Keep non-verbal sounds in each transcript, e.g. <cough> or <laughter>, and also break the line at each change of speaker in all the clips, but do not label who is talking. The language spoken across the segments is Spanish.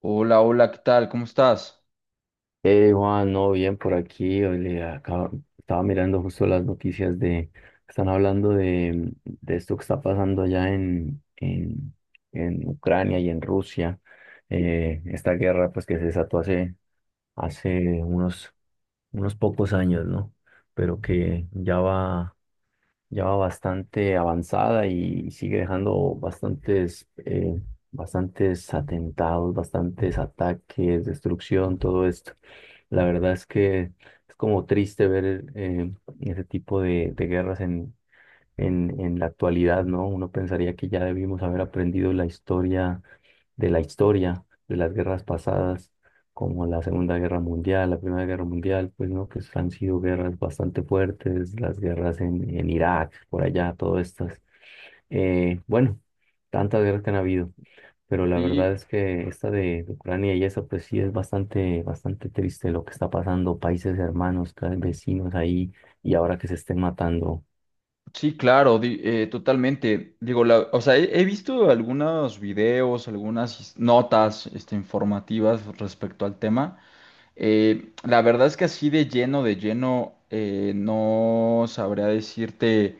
Hola, hola, ¿qué tal? ¿Cómo estás?
Juan, no, bien por aquí. Hoy estaba mirando justo las noticias están hablando de esto que está pasando allá en Ucrania y en Rusia. Esta guerra pues que se desató hace unos pocos años, ¿no? Pero que ya va bastante avanzada y sigue dejando bastantes atentados, bastantes ataques, destrucción, todo esto. La verdad es que es como triste ver ese tipo de guerras en la actualidad, ¿no? Uno pensaría que ya debimos haber aprendido la historia, de las guerras pasadas, como la Segunda Guerra Mundial, la Primera Guerra Mundial, pues, ¿no? Que han sido guerras bastante fuertes, las guerras en Irak, por allá, todas estas. Bueno, tantas guerras que han habido, pero la verdad
Sí,
es que esta de Ucrania y esa, pues sí es bastante, bastante triste lo que está pasando, países hermanos, vecinos ahí, y ahora que se estén matando.
sí, claro, totalmente. Digo, o sea, he visto algunos videos, algunas notas, este, informativas respecto al tema. La verdad es que así de lleno, no sabría decirte,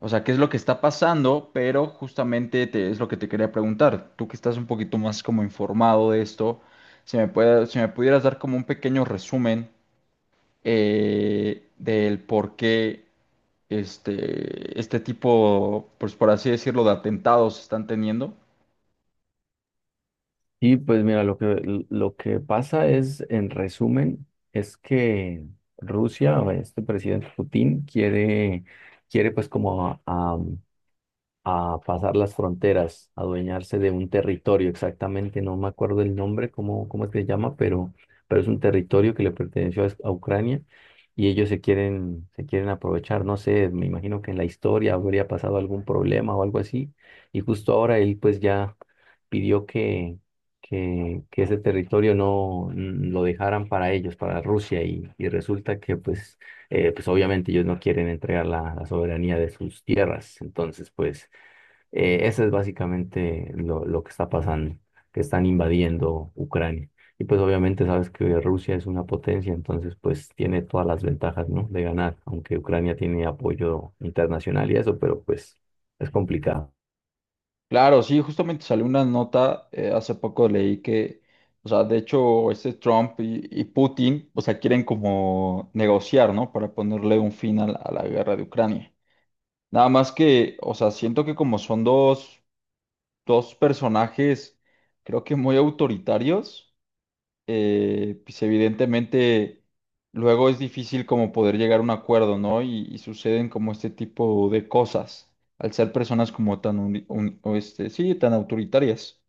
o sea, qué es lo que está pasando, pero justamente es lo que te quería preguntar. Tú que estás un poquito más como informado de esto, si me pudieras dar como un pequeño resumen. Del por qué este tipo, pues por así decirlo, de atentados están teniendo.
Y pues mira, lo que pasa es, en resumen, es que Rusia, o este presidente Putin, quiere pues como a pasar las fronteras, a adueñarse de un territorio, exactamente, no me acuerdo el nombre, cómo, cómo es que se llama, pero es un territorio que le perteneció a Ucrania y ellos se quieren aprovechar, no sé, me imagino que en la historia habría pasado algún problema o algo así, y justo ahora él pues ya pidió que ese territorio no lo dejaran para ellos, para Rusia, y resulta que pues obviamente ellos no quieren entregar la soberanía de sus tierras, entonces pues eso es básicamente lo que está pasando, que están invadiendo Ucrania. Y pues obviamente sabes que Rusia es una potencia, entonces pues tiene todas las ventajas, ¿no? De ganar, aunque Ucrania tiene apoyo internacional y eso, pero pues es complicado.
Claro, sí, justamente salió una nota, hace poco leí que, o sea, de hecho, este Trump y Putin, o sea, quieren como negociar, ¿no? Para ponerle un fin a la guerra de Ucrania. Nada más que, o sea, siento que como son dos personajes, creo que muy autoritarios pues evidentemente luego es difícil como poder llegar a un acuerdo, ¿no? Y suceden como este tipo de cosas, al ser personas como tan, o este, sí, tan autoritarias.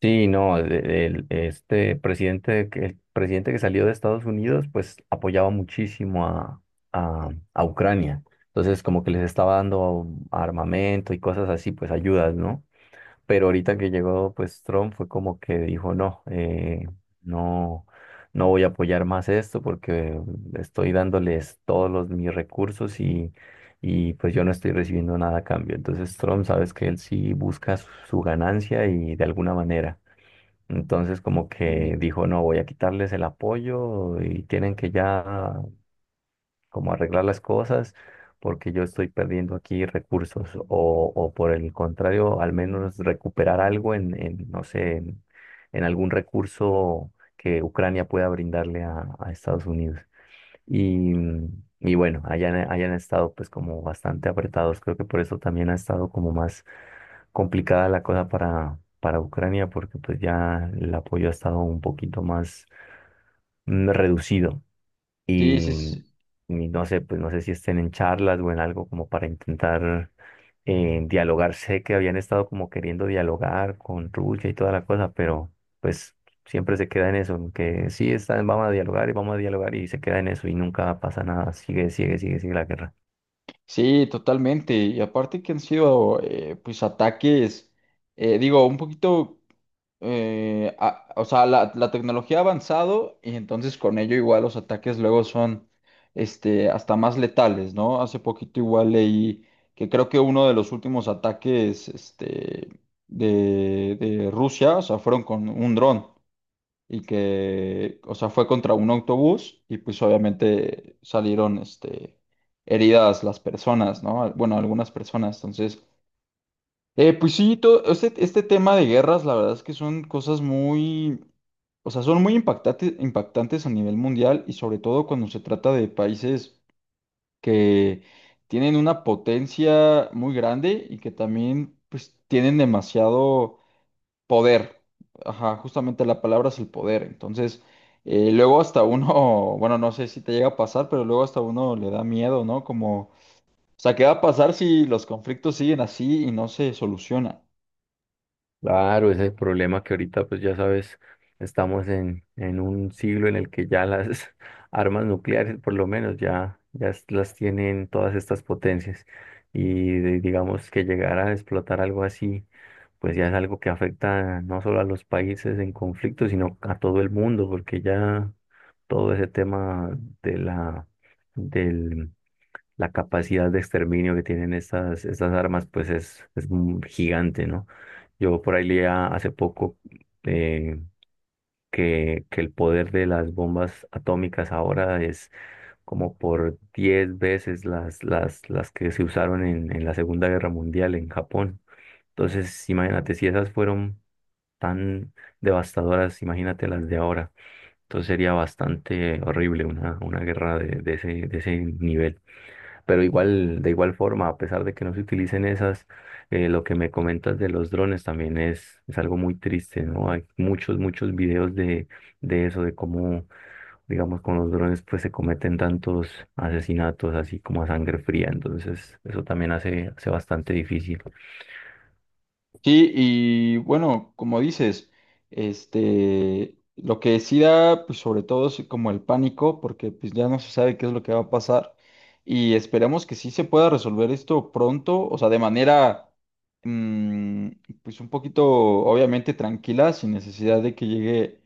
Sí, no, el presidente que salió de Estados Unidos pues apoyaba muchísimo a Ucrania. Entonces como que les estaba dando armamento y cosas así, pues ayudas, ¿no? Pero ahorita que llegó pues Trump fue como que dijo, no, no, no voy a apoyar más esto porque estoy dándoles todos mis recursos y pues yo no estoy recibiendo nada a cambio. Entonces Trump, sabes que él sí busca su ganancia y de alguna manera. Entonces como
Sí.
que dijo, no, voy a quitarles el apoyo y tienen que ya como arreglar las cosas, porque yo estoy perdiendo aquí recursos, o por el contrario, al menos recuperar algo no sé, en algún recurso que Ucrania pueda brindarle a Estados Unidos. Y, y bueno, hayan estado pues como bastante apretados, creo que por eso también ha estado como más complicada la cosa para Ucrania porque pues ya el apoyo ha estado un poquito más reducido
Sí, sí,
y,
sí,
y no sé, pues no sé si estén en charlas o en algo como para intentar dialogar. Sé que habían estado como queriendo dialogar con Rulla y toda la cosa, pero pues siempre se queda en eso, en que sí, están, vamos a dialogar y vamos a dialogar y se queda en eso y nunca pasa nada. Sigue, sigue, sigue, sigue la guerra.
sí, totalmente. Y aparte que han sido, pues, ataques, digo, un poquito. O sea, la tecnología ha avanzado y entonces con ello igual los ataques luego son este, hasta más letales, ¿no? Hace poquito igual leí que creo que uno de los últimos ataques este, de Rusia, o sea, fueron con un dron y que, o sea, fue contra un autobús y pues obviamente salieron este, heridas las personas, ¿no? Bueno, algunas personas, entonces. Pues sí, todo este tema de guerras, la verdad es que son cosas muy, o sea, son muy impactantes a nivel mundial y sobre todo cuando se trata de países que tienen una potencia muy grande y que también pues tienen demasiado poder. Ajá, justamente la palabra es el poder. Entonces, luego hasta uno, <laughs> bueno, no sé si te llega a pasar, pero luego hasta uno le da miedo, ¿no? Como, o sea, ¿qué va a pasar si los conflictos siguen así y no se solucionan?
Claro, ese es el problema que ahorita, pues ya sabes, estamos en un siglo en el que ya las <laughs> armas nucleares, por lo menos, ya las tienen todas estas potencias. Y digamos que llegar a explotar algo así, pues ya es algo que afecta no solo a los países en conflicto, sino a todo el mundo, porque ya todo ese tema de la capacidad de exterminio que tienen estas armas, pues es un gigante, ¿no? Yo por ahí leía hace poco eh, que el poder de las bombas atómicas ahora es como por 10 veces las que se usaron en la Segunda Guerra Mundial en Japón. Entonces, imagínate, si esas fueron tan devastadoras, imagínate las de ahora. Entonces sería bastante horrible una guerra de ese nivel. Pero igual, de igual forma, a pesar de que no se utilicen esas, lo que me comentas de los drones también es algo muy triste, ¿no? Hay muchos, muchos videos de eso, de cómo, digamos, con los drones pues se cometen tantos asesinatos así como a sangre fría. Entonces, eso también hace bastante difícil.
Sí, y bueno, como dices, este, lo que sí da, pues sobre todo es como el pánico, porque pues ya no se sabe qué es lo que va a pasar y esperemos que sí se pueda resolver esto pronto, o sea, de manera, mm, pues un poquito, obviamente tranquila, sin necesidad de que llegue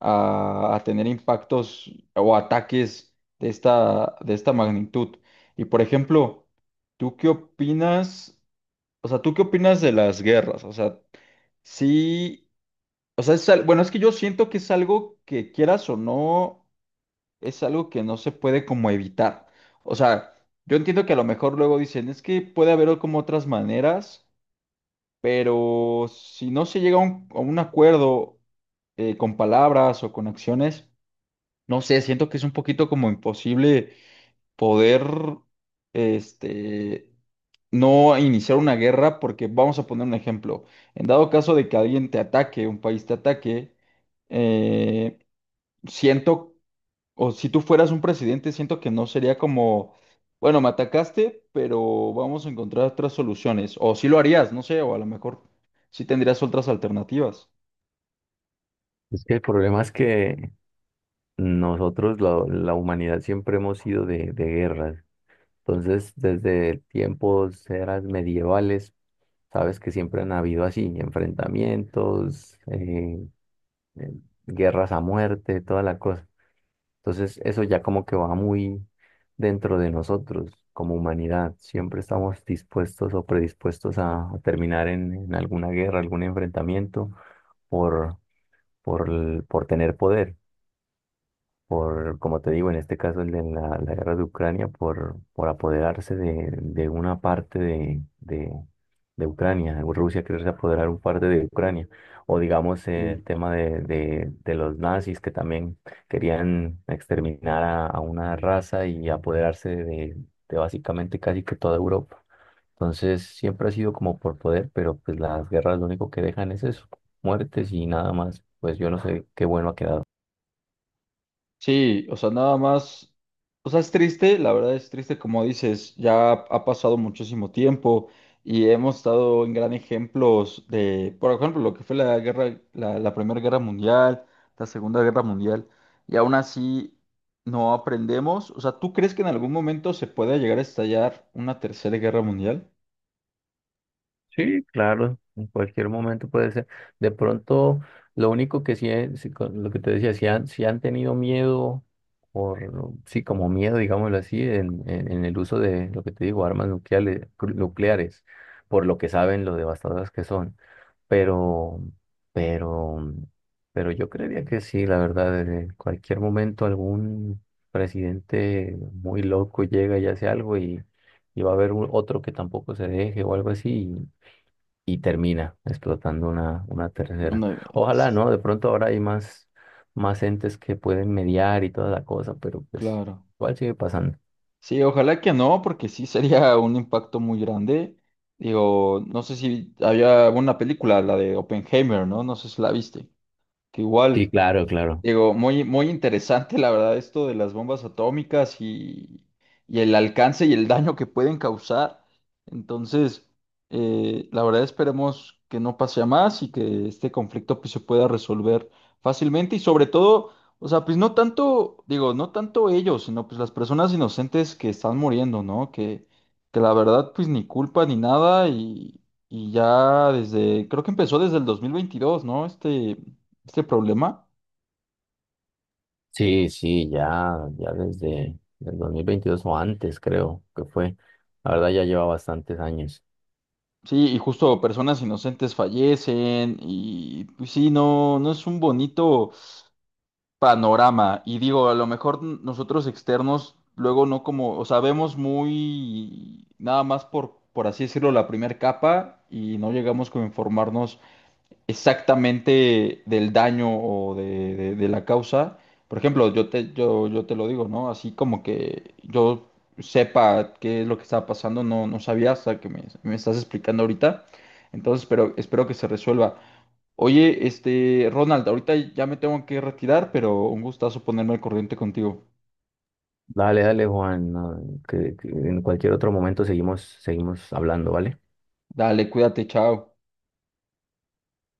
a tener impactos o ataques de esta magnitud. Y por ejemplo, ¿tú qué opinas? O sea, ¿tú qué opinas de las guerras? O sea, sí, o sea, es bueno, es que yo siento que es algo que quieras o no, es algo que no se puede como evitar. O sea, yo entiendo que a lo mejor luego dicen, es que puede haber como otras maneras, pero si no se llega a un acuerdo con palabras o con acciones, no sé, siento que es un poquito como imposible poder, este, no a iniciar una guerra, porque vamos a poner un ejemplo. En dado caso de que alguien te ataque, un país te ataque, eh, siento, o si tú fueras un presidente, siento que no sería como, bueno, me atacaste, pero vamos a encontrar otras soluciones. O si lo harías, no sé, o a lo mejor sí tendrías otras alternativas.
Es que el problema es que nosotros, la humanidad, siempre hemos sido de guerras. Entonces, desde tiempos, eras medievales, sabes que siempre han habido así, enfrentamientos, eh, guerras a muerte, toda la cosa. Entonces, eso ya como que va muy dentro de nosotros como humanidad. Siempre estamos dispuestos o predispuestos a terminar en alguna guerra, algún enfrentamiento por, por tener poder como te digo, en este caso el de la guerra de Ucrania, por apoderarse de una parte de Ucrania, Rusia quererse apoderar un parte de Ucrania, o digamos el tema de los nazis que también querían exterminar a una raza y apoderarse de básicamente casi que toda Europa. Entonces siempre ha sido como por poder, pero pues las guerras lo único que dejan es eso, muertes y nada más. Pues yo no sé qué bueno ha quedado.
Sí, o sea, nada más, o sea, es triste, la verdad es triste, como dices, ya ha pasado muchísimo tiempo y hemos estado en gran ejemplos de, por ejemplo, lo que fue la guerra, la Primera Guerra Mundial, la Segunda Guerra Mundial, y aún así no aprendemos. O sea, ¿tú crees que en algún momento se pueda llegar a estallar una tercera guerra mundial?
Sí, claro, en cualquier momento puede ser. De pronto, lo único que sí, es, sí, con lo que te decía, si han tenido miedo, por, sí, como miedo, digámoslo así, en el uso de, lo que te digo, armas nucleares, nucleares, por lo que saben lo devastadoras que son. Pero, pero, pero yo creería que sí, la verdad, en cualquier momento algún presidente muy loco llega y hace algo y va a haber un otro que tampoco se deje o algo así y termina explotando una
No,
tercera. Ojalá,
Sí,
¿no? De pronto ahora hay más entes que pueden mediar y toda la cosa, pero pues
claro.
igual sigue pasando.
Sí, ojalá que no, porque sí sería un impacto muy grande. Digo, no sé si había una película, la de Oppenheimer, ¿no? No sé si la viste. Que
Sí,
igual,
claro, claro.
Digo, muy, muy interesante, la verdad, esto de las bombas atómicas y el alcance y el daño que pueden causar. Entonces, la verdad, esperemos que no pase a más y que este conflicto pues, se pueda resolver fácilmente y sobre todo, o sea, pues no tanto, digo, no tanto ellos, sino pues las personas inocentes que están muriendo, ¿no? Que la verdad, pues ni culpa ni nada y ya desde, creo que empezó desde el 2022, ¿no? Este problema.
Sí, sí, ya desde el 2022 o antes, creo que fue. La verdad ya lleva bastantes años.
Sí, y justo personas inocentes fallecen y pues sí, no, no es un bonito panorama. Y digo, a lo mejor nosotros externos luego no como, o sea, vemos muy nada más por así decirlo, la primera capa y no llegamos como a informarnos exactamente del daño o de la causa. Por ejemplo, yo te lo digo, ¿no? Así como que yo sepa qué es lo que estaba pasando, no, no sabía hasta que me estás explicando ahorita. Entonces, pero espero que se resuelva. Oye, este, Ronald, ahorita ya me tengo que retirar, pero un gustazo ponerme al corriente contigo.
Dale, dale, Juan, no, que en cualquier otro momento seguimos, seguimos hablando, ¿vale?
Dale, cuídate, chao.